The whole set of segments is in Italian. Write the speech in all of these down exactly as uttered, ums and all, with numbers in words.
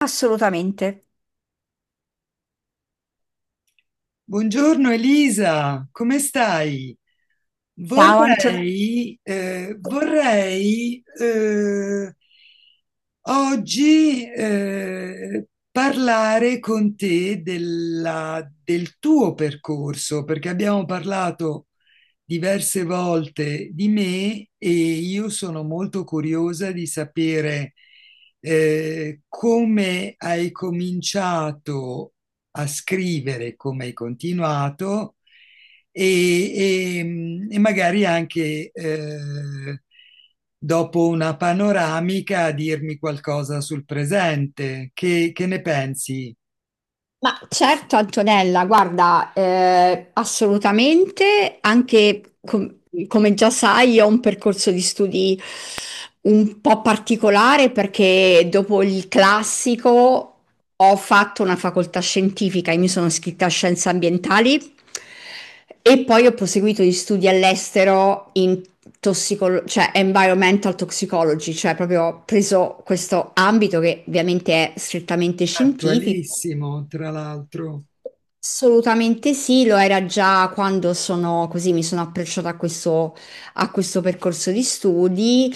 Assolutamente. Buongiorno Elisa, come stai? Ciao Antonella. Vorrei, eh, vorrei eh, oggi eh, parlare con te della- del tuo percorso, perché abbiamo parlato diverse volte di me e io sono molto curiosa di sapere eh, come hai cominciato a scrivere come hai continuato e, e- e magari anche eh, dopo una panoramica a dirmi qualcosa sul presente. Che, che ne pensi? Ma certo Antonella, guarda, eh, assolutamente, anche com- come già sai, io ho un percorso di studi un po' particolare perché dopo il classico ho fatto una facoltà scientifica e mi sono iscritta a scienze ambientali e poi ho proseguito gli studi all'estero in tossicolo- cioè environmental toxicology, cioè proprio ho preso questo ambito che ovviamente è strettamente scientifico. Attualissimo, tra l'altro. Assolutamente sì, lo era già quando sono così, mi sono approcciata a questo, a questo percorso di studi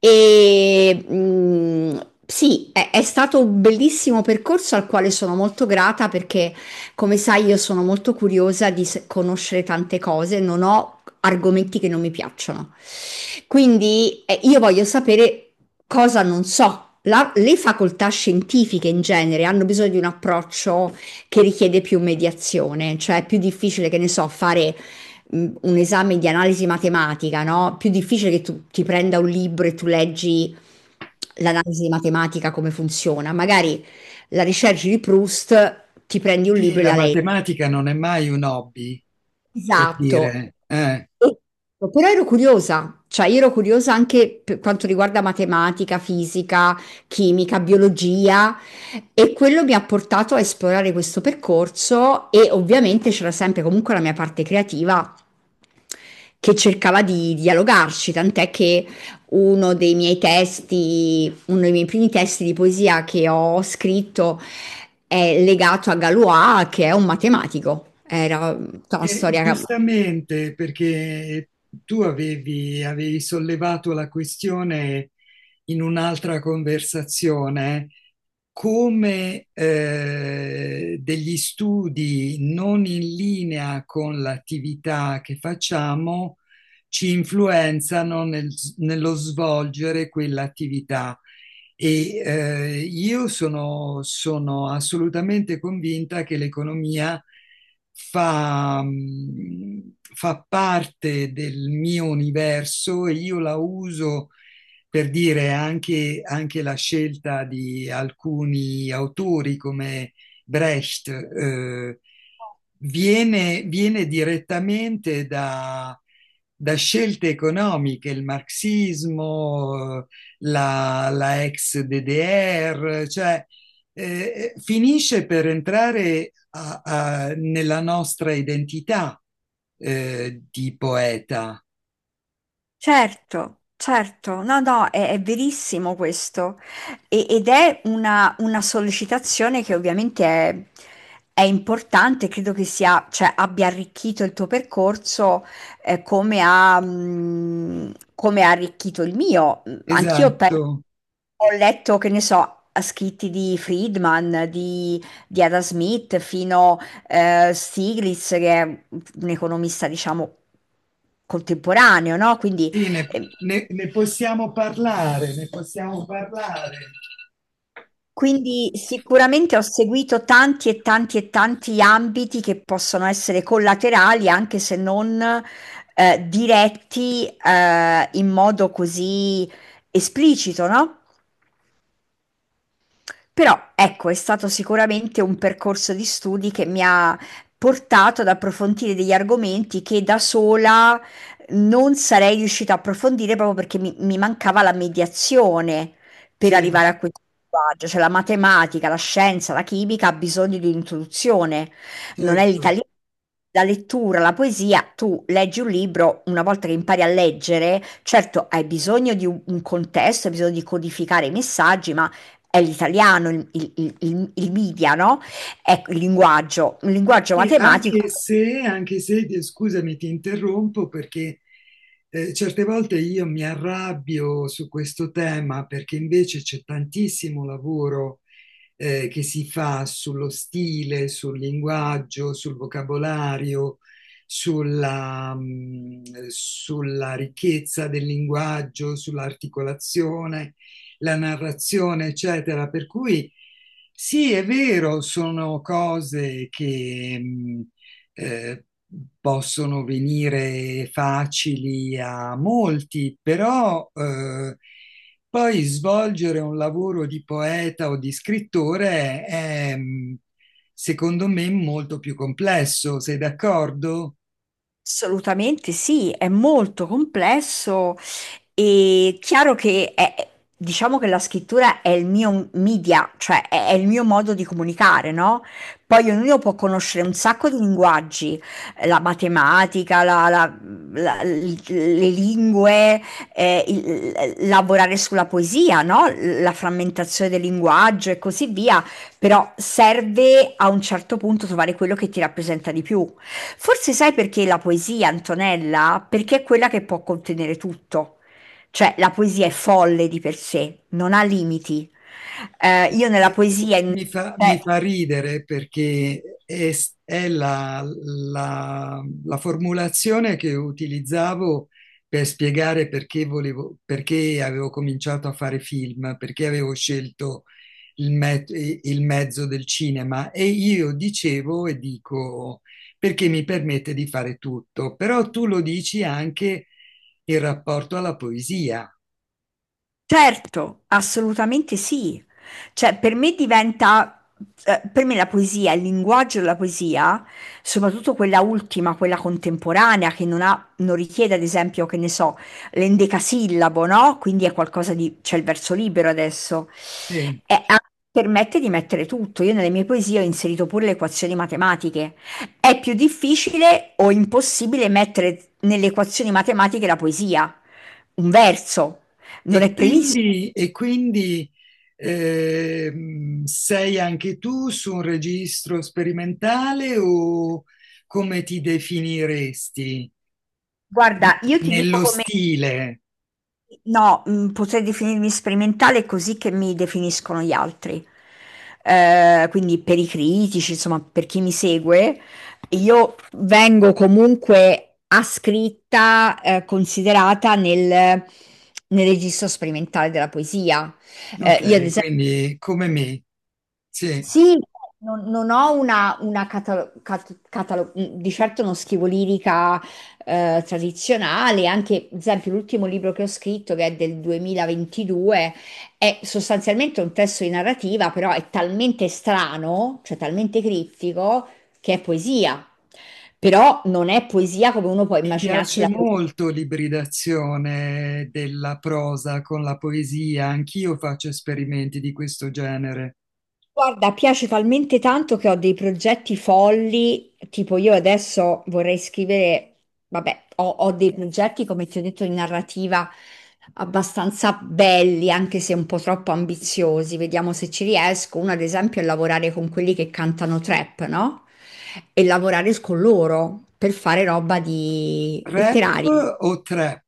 e mh, sì, è, è stato un bellissimo percorso al quale sono molto grata perché, come sai, io sono molto curiosa di se- conoscere tante cose, non ho argomenti che non mi piacciono. Quindi eh, io voglio sapere cosa non so. La- le facoltà scientifiche in genere hanno bisogno di un approccio che richiede più mediazione, cioè è più difficile, che ne so, fare mh, un esame di analisi matematica, no? Più difficile che tu ti prenda un libro e tu leggi l'analisi matematica come funziona. Magari la ricerca di Proust ti prendi un Sì, libro e la la leggi. matematica non è mai un hobby, per Esatto. dire. eh. Però ero curiosa, cioè io ero curiosa anche per quanto riguarda matematica, fisica, chimica, biologia, e quello mi ha portato a esplorare questo percorso, e ovviamente c'era sempre comunque la mia parte creativa che cercava di dialogarci, tant'è che uno dei miei testi uno dei miei primi testi di poesia che ho scritto è legato a Galois, che è un matematico. Era tutta una Eh, storia. giustamente, perché tu avevi, avevi sollevato la questione in un'altra conversazione, come eh, degli studi non in linea con l'attività che facciamo ci influenzano nel- nello svolgere quell'attività. E eh, io sono, sono assolutamente convinta che l'economia fa, mh, fa parte del mio universo e io la uso per dire anche, anche la scelta di alcuni autori come Brecht, eh, viene, viene direttamente da, da scelte economiche, il marxismo, la, la ex D D R, cioè eh, eh, finisce per entrare a, a, nella nostra identità eh, di poeta. Certo, certo, no, no, è, è verissimo questo. E- ed è una, una sollecitazione che ovviamente è, è importante, credo che sia, cioè, abbia arricchito il tuo percorso, eh, come ha, mh, come ha arricchito il mio. Anch'io pe- Esatto. ho letto, che ne so, scritti di Friedman, di, di Ada Smith, fino eh, Stiglitz, che è un economista, diciamo, contemporaneo, no? Quindi Sì, ne, Ehm, ne, ne possiamo parlare, ne possiamo parlare. quindi sicuramente ho seguito tanti e tanti e tanti ambiti che possono essere collaterali, anche se non, ehm, diretti, ehm, in modo così esplicito, no? Però ecco, è stato sicuramente un percorso di studi che mi ha portato ad approfondire degli argomenti che da sola non sarei riuscita a approfondire proprio perché mi, mi mancava la mediazione per Sì, arrivare a questo linguaggio. Cioè la matematica, la scienza, la chimica ha bisogno di un'introduzione, non è certo. l'italiano. La lettura, la poesia, tu leggi un libro, una volta che impari a leggere, certo hai bisogno di un un contesto, hai bisogno di codificare i messaggi, ma è l'italiano, il, il- il- il media, no? Ecco, il linguaggio, un linguaggio Sì, matematico. anche se, anche se, ti- scusami, ti interrompo perché eh, certe volte io mi arrabbio su questo tema perché invece c'è tantissimo lavoro eh, che si fa sullo stile, sul linguaggio, sul vocabolario, sulla, mh, sulla ricchezza del linguaggio, sull'articolazione, la narrazione, eccetera. Per cui sì, è vero, sono cose che... mh, eh, possono venire facili a molti, però eh, poi svolgere un lavoro di poeta o di scrittore è, mh, secondo me, molto più complesso. Sei d'accordo? Assolutamente sì, è molto complesso e chiaro che è- diciamo che la scrittura è il mio media, cioè è, è il mio modo di comunicare, no? Poi ognuno può conoscere un sacco di linguaggi, eh, la matematica, la- la- la- l- le lingue, eh, il- lavorare sulla poesia, no? La frammentazione del linguaggio e così via. Però serve a un certo punto trovare quello che ti rappresenta di più. Forse sai perché la poesia, Antonella? Perché è quella che può contenere tutto. Cioè, la poesia è folle di per sé, non ha limiti. Eh, io nella poesia... in- Mi fa, mi cioè, fa ridere perché è, è la, la- la formulazione che utilizzavo per spiegare perché volevo, perché avevo cominciato a fare film, perché avevo scelto il, me- il mezzo del cinema e io dicevo e dico perché mi permette di fare tutto, però tu lo dici anche in rapporto alla poesia. certo, assolutamente sì. Cioè, per me diventa, eh, per me la poesia, il linguaggio della poesia, soprattutto quella ultima, quella contemporanea, che non ha, non richiede, ad esempio, che ne so, l'endecasillabo, no? Quindi è qualcosa di, c'è il verso libero adesso, Sì. e ha- permette di mettere tutto. Io nelle mie poesie ho inserito pure le equazioni matematiche. È più difficile o impossibile mettere nelle equazioni matematiche la poesia, un verso. Non E è previsto. quindi, e quindi ehm, sei anche tu su un registro sperimentale o come ti definiresti? Guarda, io ti dico Nello come... stile, No, mh, potrei definirmi sperimentale così che mi definiscono gli altri. Eh, quindi per i critici, insomma, per chi mi segue, io vengo comunque ascritta, eh, considerata nel, nel registro sperimentale della poesia. Eh, io, ad ok, esempio, quindi come me, sì. sì, non, non ho una, una catalo- cat- catalo- mhmm, di certo uno schivo lirica eh, tradizionale, anche ad esempio l'ultimo libro che ho scritto, che è del duemilaventidue, è sostanzialmente un testo di narrativa, però è talmente strano, cioè talmente criptico, che è poesia. Però non è poesia come uno può Mi immaginarsi piace la poesia. molto l'ibridazione della prosa con la poesia, anch'io faccio esperimenti di questo genere. Guarda, piace talmente tanto che ho dei progetti folli, tipo io adesso vorrei scrivere, vabbè, ho, ho dei progetti, come ti ho detto, di narrativa abbastanza belli, anche se un po' troppo ambiziosi, vediamo se ci riesco. Uno, ad esempio, è lavorare con quelli che cantano trap, no? E lavorare con loro per fare roba di letteraria. Rap o trap?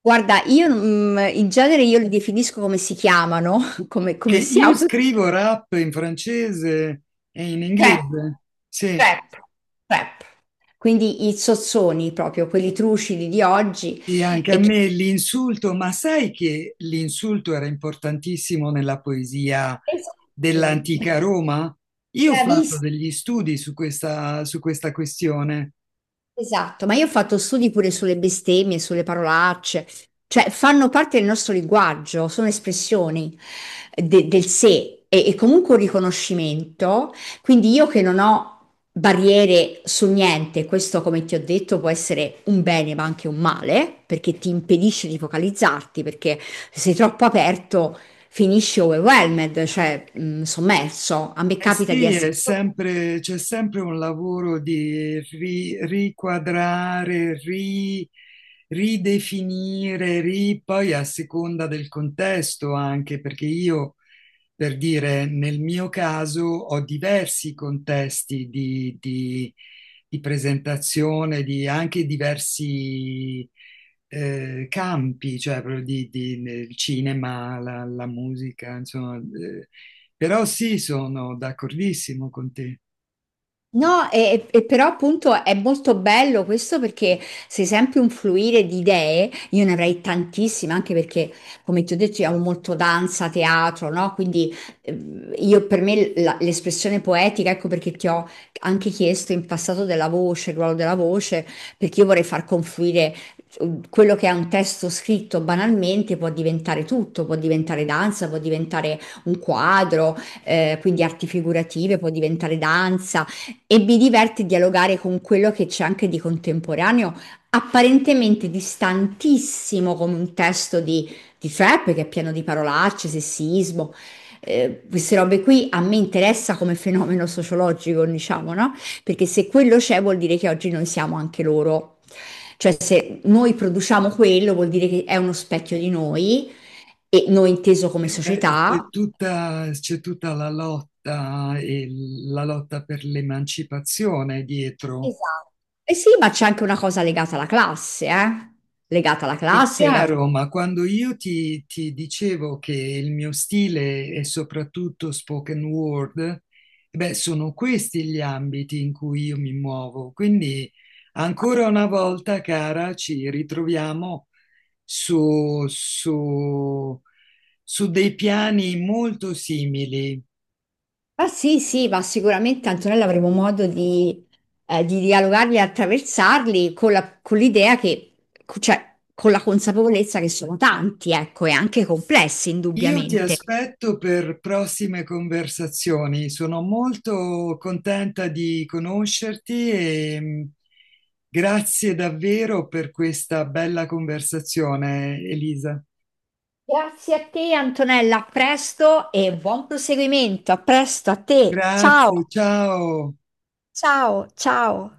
Guarda, io mm, in genere io li definisco come si chiamano, come, Che come si io auto. scrivo rap in francese e in Trap, inglese, sì, trap, trap. Quindi i sozzoni proprio, quelli trucidi di oggi. e anche a E chi me l'insulto, ma sai che l'insulto era importantissimo nella poesia pensa- dell'antica Roma? Io ho fatto bravissima, degli studi su questa, su questa questione. esatto, ma io ho fatto studi pure sulle bestemmie, sulle parolacce, cioè fanno parte del nostro linguaggio, sono espressioni eh, de- del sé e, e comunque un riconoscimento. Quindi io che non ho barriere su niente, questo come ti ho detto può essere un bene ma anche un male, perché ti impedisce di focalizzarti, perché se sei troppo aperto finisci overwhelmed, cioè mh, sommerso. A me Eh capita di sì, essere è sempre- c'è sempre un lavoro di ri- riquadrare, ri- ridefinire, ri- poi a seconda del contesto anche, perché io per dire, nel mio caso ho diversi contesti di, di- di presentazione, di anche diversi eh, campi, cioè proprio di, di- nel cinema, la, la musica, insomma. eh, però sì, sono d'accordissimo con te. no, e, e- e però appunto è molto bello questo perché sei sempre un fluire di idee, io ne avrei tantissime, anche perché come ti ho detto io amo molto danza, teatro, no? Quindi ehm, io per me la- l'espressione poetica, ecco perché ti ho anche chiesto in passato della voce, il ruolo della voce, perché io vorrei far confluire eh, quello che è un testo scritto banalmente, può diventare tutto, può diventare danza, può diventare un quadro, eh, quindi arti figurative, può diventare danza. E mi diverte dialogare con quello che c'è anche di contemporaneo, apparentemente distantissimo come un testo di, di trap che è pieno di parolacce, sessismo. Eh, queste robe qui a me interessa come fenomeno sociologico, diciamo, no? Perché se quello c'è vuol dire che oggi noi siamo anche loro. Cioè se noi produciamo quello vuol dire che è uno specchio di noi e noi inteso come Eh, beh, società. c'è tutta, c'è tutta la lotta e la lotta per l'emancipazione dietro. Esatto. Eh sì, ma c'è anche una cosa legata alla classe, eh? Legata alla È classe, legata... chiaro, ma quando io ti, ti dicevo che il mio stile è soprattutto spoken word, beh, sono questi gli ambiti in cui io mi muovo. Quindi, ancora una volta, cara, ci ritroviamo su, su su dei piani molto simili. Ah sì, sì, ma sicuramente Antonella avremo modo di, eh, di dialogarli e attraversarli con la- con l'idea che, cioè, con la consapevolezza che sono tanti, ecco, e anche complessi, Io ti indubbiamente. aspetto per prossime conversazioni. Sono molto contenta di conoscerti e mh, grazie davvero per questa bella conversazione, Elisa. Grazie a te, Antonella, a presto e buon proseguimento. A presto a te. Ciao, Grazie, ciao. ciao, ciao.